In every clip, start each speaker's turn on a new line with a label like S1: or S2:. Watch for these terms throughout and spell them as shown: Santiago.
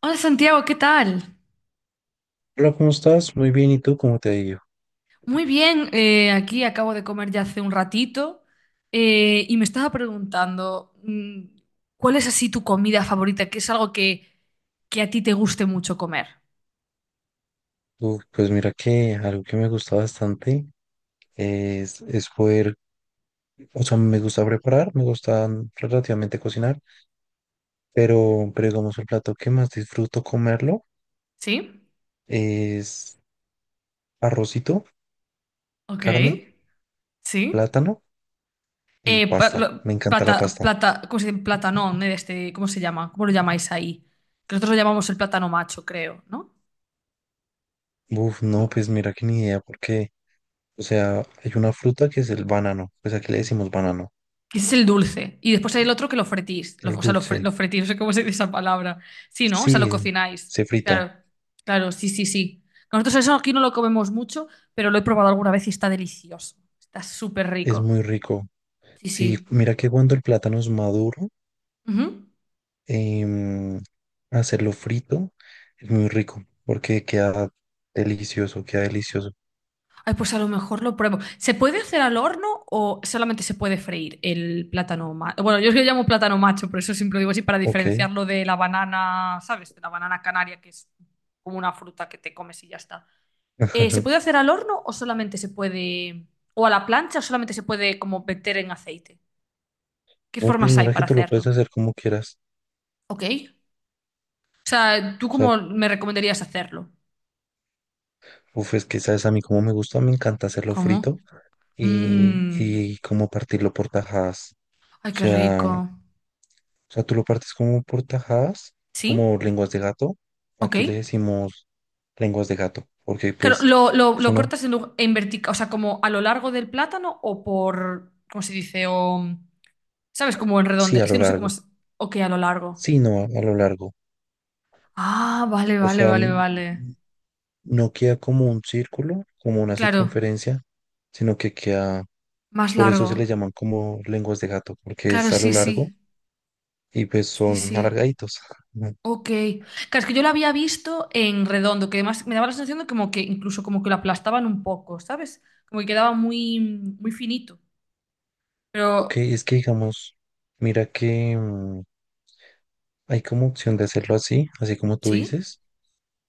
S1: Hola Santiago, ¿qué tal?
S2: Hola, ¿cómo estás? Muy bien, ¿y tú cómo te ha ido?
S1: Muy bien, aquí acabo de comer ya hace un ratito y me estaba preguntando, ¿cuál es así tu comida favorita? ¿Qué es algo que a ti te guste mucho comer?
S2: Uf, pues mira que algo que me gusta bastante es poder, o sea, me gusta preparar, me gusta relativamente cocinar, pero digamos el plato que más disfruto comerlo
S1: ¿Sí?
S2: es arrocito,
S1: Ok,
S2: carne,
S1: sí.
S2: plátano y pasta. Me encanta la
S1: Plata,
S2: pasta.
S1: plata, ¿cómo se dice? Platanón, este, ¿cómo se llama? ¿Cómo lo llamáis ahí? Que nosotros lo llamamos el plátano macho, creo, ¿no?
S2: Uf, no,
S1: ¿Cómo?
S2: pues mira que ni idea, porque, o sea, hay una fruta que es el banano, pues aquí le decimos banano,
S1: Ese es el dulce. Y después hay el otro que lo fretís.
S2: el
S1: O sea,
S2: dulce,
S1: lo fretís, no sé cómo se dice esa palabra. Sí, ¿no? O sea, lo
S2: sí,
S1: cocináis.
S2: se frita,
S1: Claro, claro, sí, sí, sí. Nosotros eso aquí no lo comemos mucho, pero lo he probado alguna vez y está delicioso. Está súper
S2: es
S1: rico.
S2: muy rico.
S1: Sí,
S2: Sí,
S1: sí.
S2: mira que cuando el plátano es maduro,
S1: Ujú.
S2: em, hacerlo frito es muy rico porque queda delicioso, queda delicioso.
S1: Ay, pues a lo mejor lo pruebo. ¿Se puede hacer al horno o solamente se puede freír el plátano macho? Bueno, yo es que lo llamo plátano macho, por eso siempre lo digo así, para
S2: Ok.
S1: diferenciarlo de la banana, ¿sabes? De la banana canaria, que es como una fruta que te comes y ya está. ¿Se puede hacer al horno o solamente se puede, o a la plancha o solamente se puede como meter en aceite? ¿Qué
S2: No, pues
S1: formas hay
S2: mira que
S1: para
S2: tú lo puedes
S1: hacerlo?
S2: hacer como quieras.
S1: Ok. O sea, ¿tú
S2: O sea,
S1: cómo me recomendarías hacerlo?
S2: uf, es que sabes a mí como me gusta, me encanta hacerlo
S1: ¿Cómo?
S2: frito
S1: Mm.
S2: y como partirlo por tajadas.
S1: Ay,
S2: O
S1: qué rico.
S2: sea, o sea, tú lo partes como por tajadas, como
S1: ¿Sí?
S2: lenguas de gato.
S1: Ok.
S2: Aquí le decimos lenguas de gato porque
S1: Claro,
S2: pues
S1: ¿lo, lo-
S2: es
S1: lo
S2: una,
S1: cortas en vertical, o sea, como a lo largo del plátano o por, ¿cómo se dice? O, ¿sabes? Como en redondo.
S2: sí, a
S1: Es que
S2: lo
S1: no sé cómo
S2: largo.
S1: es. Ok, a lo largo.
S2: Sí, no, a lo largo.
S1: Ah, vale,
S2: O
S1: vale,
S2: sea,
S1: vale, vale.
S2: no queda como un círculo, como una
S1: Claro,
S2: circunferencia, sino que queda,
S1: más
S2: por eso se
S1: largo.
S2: le llaman como lenguas de gato, porque
S1: Claro,
S2: es a lo
S1: sí,
S2: largo
S1: sí.
S2: y pues
S1: Sí,
S2: son
S1: sí.
S2: alargaditos. Ujú.
S1: Ok. Claro, es que yo lo había visto en redondo, que además me daba la sensación de como que incluso como que lo aplastaban un poco, ¿sabes? Como que quedaba muy, muy finito.
S2: Ok,
S1: Pero,
S2: es que digamos, mira que hay como opción de hacerlo así, así como tú
S1: ¿sí?
S2: dices,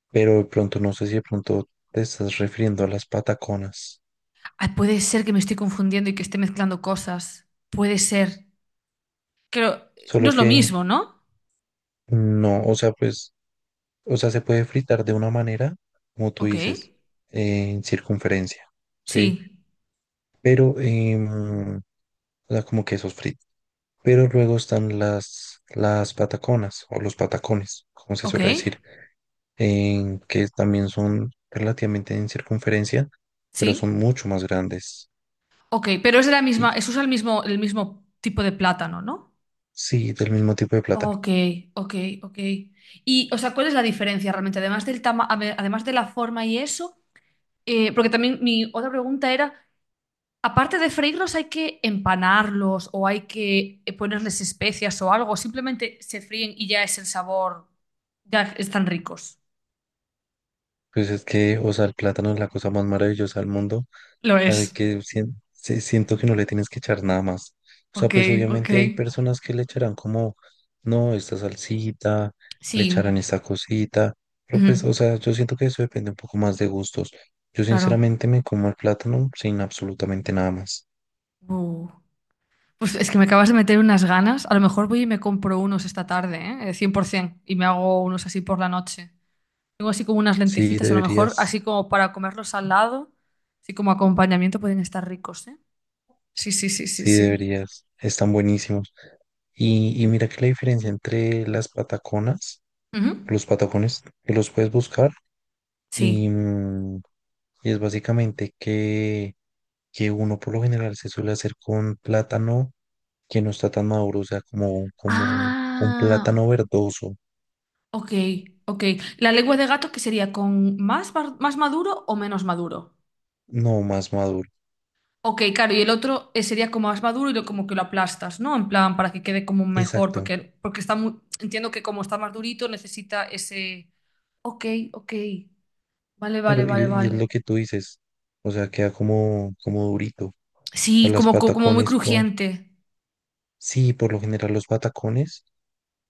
S2: pero de pronto no sé si de pronto te estás refiriendo a las pataconas,
S1: Ay, puede ser que me estoy confundiendo y que esté mezclando cosas. Puede ser. Pero no
S2: solo
S1: es lo
S2: que
S1: mismo, ¿no?
S2: no, o sea, pues... O sea, se puede fritar de una manera, como tú
S1: Ok.
S2: dices, en circunferencia, ¿sí?
S1: Sí.
S2: Pero, o sea, como quesos fritos. Pero luego están las pataconas o los patacones, como se
S1: Ok.
S2: suele decir, en que también son relativamente en circunferencia, pero son
S1: Sí.
S2: mucho más grandes.
S1: Ok. Pero es de la
S2: Y
S1: misma, es usa el mismo tipo de plátano, ¿no?
S2: sí, del mismo tipo de plátano.
S1: Ok, ok, ok. Y, o sea, ¿cuál es la diferencia realmente? Además a ver, además de la forma y eso, porque también mi otra pregunta era, aparte de freírlos, ¿hay que empanarlos o hay que ponerles especias o algo? ¿O simplemente se fríen y ya es el sabor, ya están ricos.
S2: Pues es que, o sea, el plátano es la cosa más maravillosa del mundo
S1: Lo
S2: la de
S1: es.
S2: que siento que no le tienes que echar nada más. O sea,
S1: Ok,
S2: pues
S1: ok.
S2: obviamente hay personas que le echarán como, no, esta salsita, le
S1: Sí,
S2: echarán esta cosita, pero
S1: ujú,
S2: pues, o sea, yo siento que eso depende un poco más de gustos. Yo
S1: claro.
S2: sinceramente me como el plátano sin absolutamente nada más.
S1: Uh, pues es que me acabas de meter unas ganas. A lo mejor voy y me compro unos esta tarde, ¿eh? 100%, y me hago unos así por la noche. Tengo así como unas
S2: Sí,
S1: lentejitas, a lo mejor, así
S2: deberías,
S1: como para comerlos al lado, así como acompañamiento pueden estar ricos, ¿eh? Sí, sí, sí, sí,
S2: sí,
S1: sí.
S2: deberías, están buenísimos. Y mira que la diferencia entre las pataconas,
S1: Ujú.
S2: los patacones, que los puedes buscar y,
S1: Sí.
S2: y es básicamente que uno por lo general se suele hacer con plátano que no está tan maduro, o sea, como, como con
S1: Ah,
S2: plátano verdoso,
S1: ok, ok. La lengua de gato que sería con más, más maduro o menos maduro.
S2: no más maduro.
S1: Ok, claro, y el otro sería como más maduro y lo, como que lo aplastas, ¿no? En plan, para que quede como mejor,
S2: Exacto.
S1: porque está muy, entiendo que como está más durito necesita ese... Ok, ok. Vale,
S2: Claro,
S1: vale, vale,
S2: y es lo
S1: vale.
S2: que tú dices, o sea, queda como, como durito. O sea,
S1: Sí,
S2: las
S1: como muy
S2: patacones, por...
S1: crujiente.
S2: sí, por lo general los patacones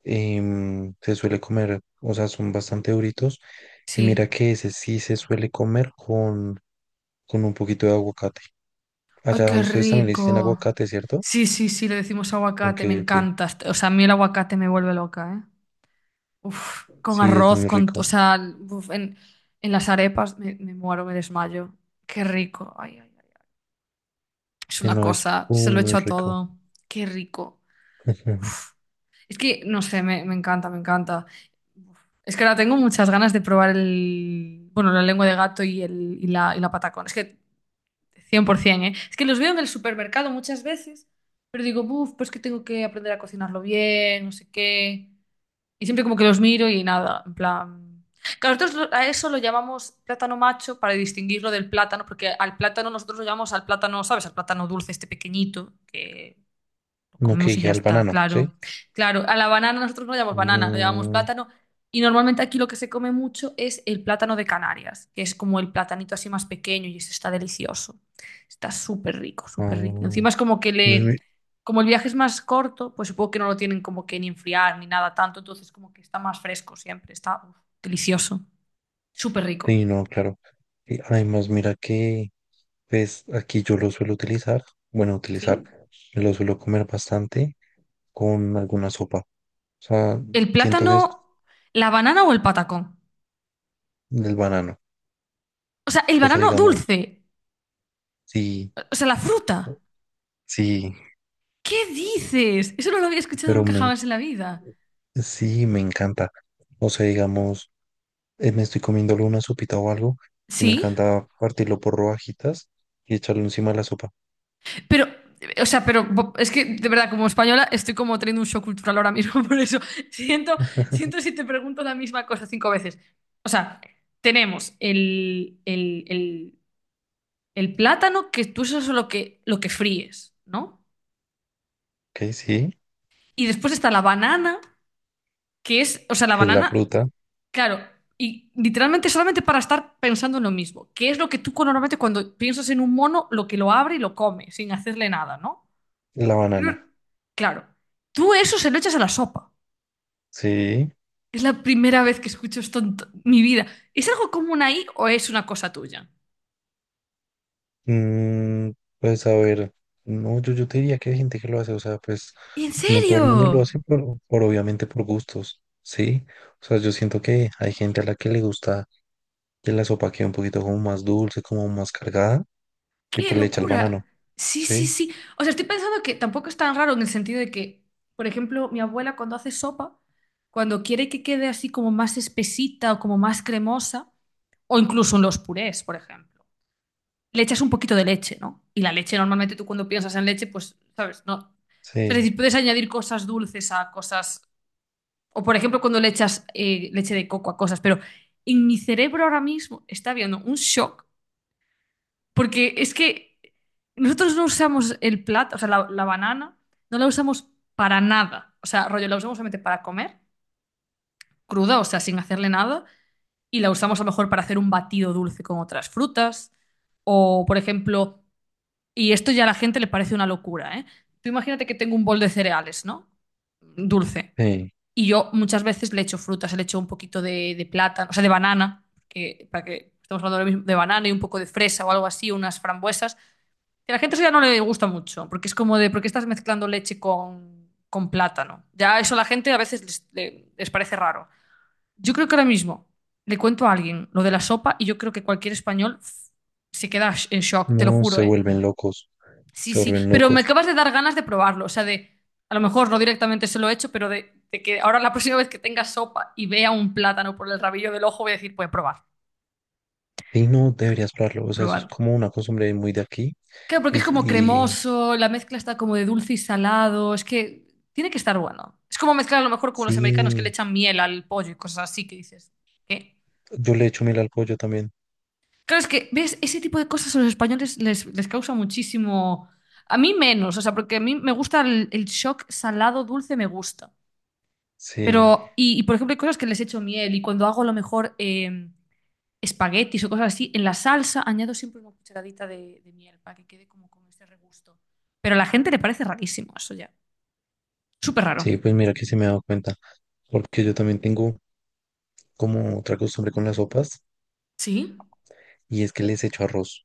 S2: se suele comer, o sea, son bastante duritos. Y mira
S1: Sí.
S2: que ese sí se suele comer con un poquito de aguacate.
S1: ¡Ay,
S2: Allá
S1: qué
S2: ustedes también le dicen
S1: rico!
S2: aguacate, ¿cierto?
S1: Sí, sí, sí, le decimos
S2: Ok,
S1: aguacate, me
S2: ok.
S1: encanta. O sea, a mí el aguacate me vuelve loca, ¿eh? Uf, con
S2: Sí, es
S1: arroz,
S2: muy
S1: o
S2: rico.
S1: sea, uf, en las arepas me muero, me desmayo. ¡Qué rico! Ay, ay, ay. Es
S2: Sí,
S1: una
S2: no, es
S1: cosa, se
S2: muy,
S1: lo
S2: muy
S1: echo a
S2: rico.
S1: todo. ¡Qué rico!
S2: Ujú.
S1: Uf. Es que, no sé, me encanta, me encanta. Uf. Es que ahora tengo muchas ganas de probar bueno, la lengua de gato y la patacón. Es que 100%, ¿eh? Es que los veo en el supermercado muchas veces, pero digo, uff, pues que tengo que aprender a cocinarlo bien, no sé qué. Y siempre como que los miro y nada, en plan... Claro, nosotros a eso lo llamamos plátano macho para distinguirlo del plátano, porque al plátano nosotros lo llamamos al plátano, ¿sabes? Al plátano dulce, este pequeñito, que lo
S2: No,
S1: comemos
S2: que
S1: y
S2: ya
S1: ya
S2: el
S1: está,
S2: banano, ¿sí?
S1: claro. Claro, a la banana nosotros no le llamamos banana, lo llamamos
S2: Mm,
S1: plátano. Y normalmente aquí lo que se come mucho es el plátano de Canarias, que es como el platanito así más pequeño y ese está delicioso. Está súper rico, súper rico. Encima
S2: ah,
S1: es como que
S2: me-
S1: le...
S2: me-
S1: Como el viaje es más corto, pues supongo que no lo tienen como que ni enfriar ni nada tanto, entonces como que está más fresco siempre, está uf, delicioso, súper rico.
S2: sí, no, claro. Y además, mira que, pues, aquí yo lo suelo utilizar, bueno, utilizar,
S1: ¿Sí?
S2: lo suelo comer bastante con alguna sopa. O sea,
S1: ¿El
S2: siento que es
S1: plátano, la banana o el patacón?
S2: del banano.
S1: O sea, el
S2: O sea,
S1: banano
S2: digamos,
S1: dulce,
S2: sí,
S1: o sea, la fruta.
S2: sí,
S1: ¿Qué dices? Eso no lo había escuchado
S2: pero
S1: nunca
S2: me,
S1: jamás en la vida.
S2: sí, me encanta. O sea, digamos... me estoy comiendo una sopita o algo y me
S1: Sí,
S2: encanta partirlo por rodajitas y echarlo encima de la sopa.
S1: pero, o sea, pero es que de verdad, como española, estoy como teniendo un shock cultural ahora mismo, por eso siento, siento si te pregunto la misma cosa cinco veces. O sea, tenemos el plátano, que tú eso es lo que, fríes, ¿no?
S2: Ok, sí,
S1: Y después está la banana, que es, o sea, la
S2: es la
S1: banana.
S2: fruta,
S1: Claro, y literalmente solamente para estar pensando en lo mismo, que es lo que tú normalmente cuando piensas en un mono, lo que lo abre y lo come, sin hacerle nada, ¿no?
S2: la
S1: Creo-
S2: banana.
S1: Claro, tú eso se lo echas a la sopa.
S2: Sí,
S1: Es la primera vez que escucho esto en mi vida. ¿Es algo común ahí o es una cosa tuya?
S2: mm, pues a ver, no, yo te diría que hay gente que lo hace, o sea, pues
S1: ¿En
S2: no todo el
S1: serio?
S2: mundo lo hace por obviamente por gustos, sí. O sea, yo siento que hay gente a la que le gusta que la sopa quede un poquito como más dulce, como más cargada y
S1: ¡Qué
S2: pues le echa el banano,
S1: locura! Sí, sí,
S2: sí,
S1: sí. O sea, estoy pensando que tampoco es tan raro en el sentido de que, por ejemplo, mi abuela cuando hace sopa, cuando quiere que quede así como más espesita o como más cremosa, o incluso en los purés, por ejemplo, le echas un poquito de leche, ¿no? Y la leche normalmente tú cuando piensas en leche, pues, ¿sabes? No. Es
S2: sí,
S1: decir, puedes añadir cosas dulces a cosas, o por ejemplo cuando le echas leche de coco a cosas, pero en mi cerebro ahora mismo está habiendo un shock porque es que nosotros no usamos el plátano, o sea, la banana, no la usamos para nada. O sea, rollo, la usamos solamente para comer, cruda, o sea, sin hacerle nada, y la usamos a lo mejor para hacer un batido dulce con otras frutas, o por ejemplo, y esto ya a la gente le parece una locura, ¿eh? Tú imagínate que tengo un bol de cereales, ¿no? Dulce.
S2: sí.
S1: Y yo muchas veces le echo frutas, le echo un poquito de plátano, o sea, de banana, que, para que estamos hablando ahora mismo de banana y un poco de fresa o algo así, unas frambuesas. Que a la gente eso ya no le gusta mucho, porque es como de, ¿por qué estás mezclando leche con plátano? Ya eso a la gente a veces les parece raro. Yo creo que ahora mismo le cuento a alguien lo de la sopa y yo creo que cualquier español se queda en shock, te lo
S2: No
S1: juro,
S2: se
S1: ¿eh?
S2: vuelven locos.
S1: Sí,
S2: Se
S1: sí,
S2: vuelven
S1: pero me
S2: locos.
S1: acabas de dar ganas de probarlo, o sea, de, a lo mejor no directamente se lo he hecho, pero de que ahora la próxima vez que tenga sopa y vea un plátano por el rabillo del ojo voy a decir, voy a probar,
S2: Y no, deberías probarlo. O sea, eso es
S1: probar.
S2: como una costumbre muy de aquí.
S1: Claro, porque es como
S2: Y, y
S1: cremoso, la mezcla está como de dulce y salado, es que tiene que estar bueno. Es como mezclar a lo mejor como los americanos que
S2: sí,
S1: le echan miel al pollo y cosas así que dices, ¿qué?
S2: yo le echo miel al pollo también.
S1: Claro, es que, ¿ves? Ese tipo de cosas a los españoles les causa muchísimo... A mí menos, o sea, porque a mí me gusta el shock salado dulce, me gusta.
S2: Sí,
S1: Pero, por ejemplo, hay cosas que les echo miel y cuando hago a lo mejor espaguetis o cosas así, en la salsa añado siempre una cucharadita de miel para que quede como con ese regusto. Pero a la gente le parece rarísimo eso ya. Súper raro.
S2: sí, pues mira que se me he dado cuenta. Porque yo también tengo como otra costumbre con las sopas
S1: Sí.
S2: y es que les echo arroz.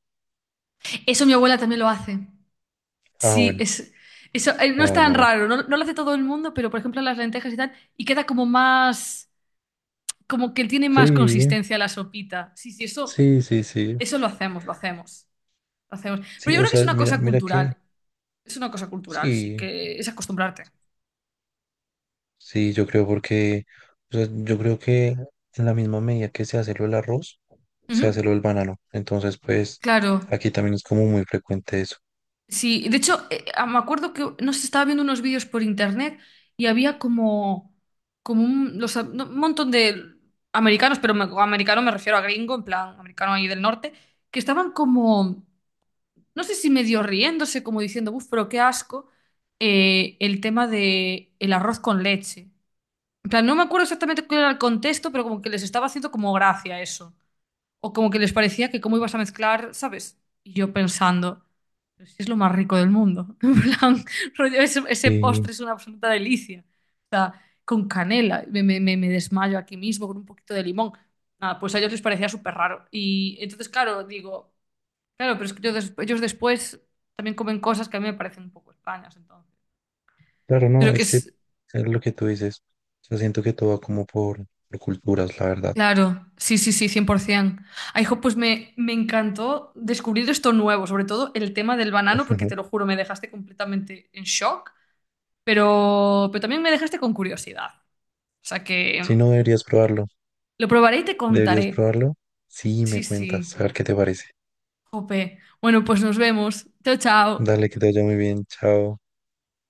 S1: Eso mi abuela también lo hace.
S2: Ah,
S1: Sí,
S2: bueno,
S1: eso no es
S2: ah,
S1: tan
S2: bueno, bueno.
S1: raro, no, no lo hace todo el mundo, pero por ejemplo las lentejas y tal, y queda como más, como que tiene más
S2: Sí,
S1: consistencia la sopita. Sí, sí, eso,
S2: sí, sí, sí.
S1: eso lo hacemos, lo hacemos, lo hacemos. Pero
S2: Sí,
S1: yo
S2: o
S1: creo que es
S2: sea,
S1: una
S2: mira,
S1: cosa
S2: mira que
S1: cultural, es una cosa cultural, sí,
S2: sí.
S1: que es acostumbrarte.
S2: Sí, yo creo porque, o sea, yo creo que en la misma medida que se hace lo del arroz, se hace lo
S1: Ujú.
S2: del banano. Entonces, pues,
S1: Claro.
S2: aquí también es como muy frecuente eso.
S1: Sí, de hecho, me acuerdo que no sé, estaba viendo unos vídeos por internet y había como, como un, los no, un montón de americanos, pero americano me refiero a gringo, en plan, americano ahí del norte, que estaban como, no sé si medio riéndose, como diciendo, uff, pero qué asco, el tema de el arroz con leche. En plan, no me acuerdo exactamente cuál era el contexto, pero como que les estaba haciendo como gracia eso. O como que les parecía que cómo ibas a mezclar, ¿sabes? Y yo pensando, pero si es lo más rico del mundo. En plan, rollo, ese
S2: Y
S1: postre es una absoluta delicia. O sea, con canela, me desmayo aquí mismo con un poquito de limón. Nada, pues a ellos les parecía súper raro. Y entonces, claro, digo, claro, pero es que yo ellos después también comen cosas que a mí me parecen un poco extrañas, entonces.
S2: claro, no,
S1: Creo que
S2: es que
S1: es,
S2: es lo que tú dices. Yo siento que todo va como por culturas, la verdad.
S1: claro, sí, sí, sí, 100%. Ay, jo, pues me encantó descubrir esto nuevo, sobre todo el tema del banano,
S2: Ujú.
S1: porque te lo juro, me dejaste completamente en shock, pero también me dejaste con curiosidad. O sea que
S2: Si no, deberías probarlo.
S1: lo probaré y te
S2: Deberías
S1: contaré.
S2: probarlo. Sí, me
S1: Sí, sí,
S2: cuentas. A ver qué te parece.
S1: jope. Bueno, pues nos vemos. Chao, chao.
S2: Dale, que te vaya muy bien. Chao.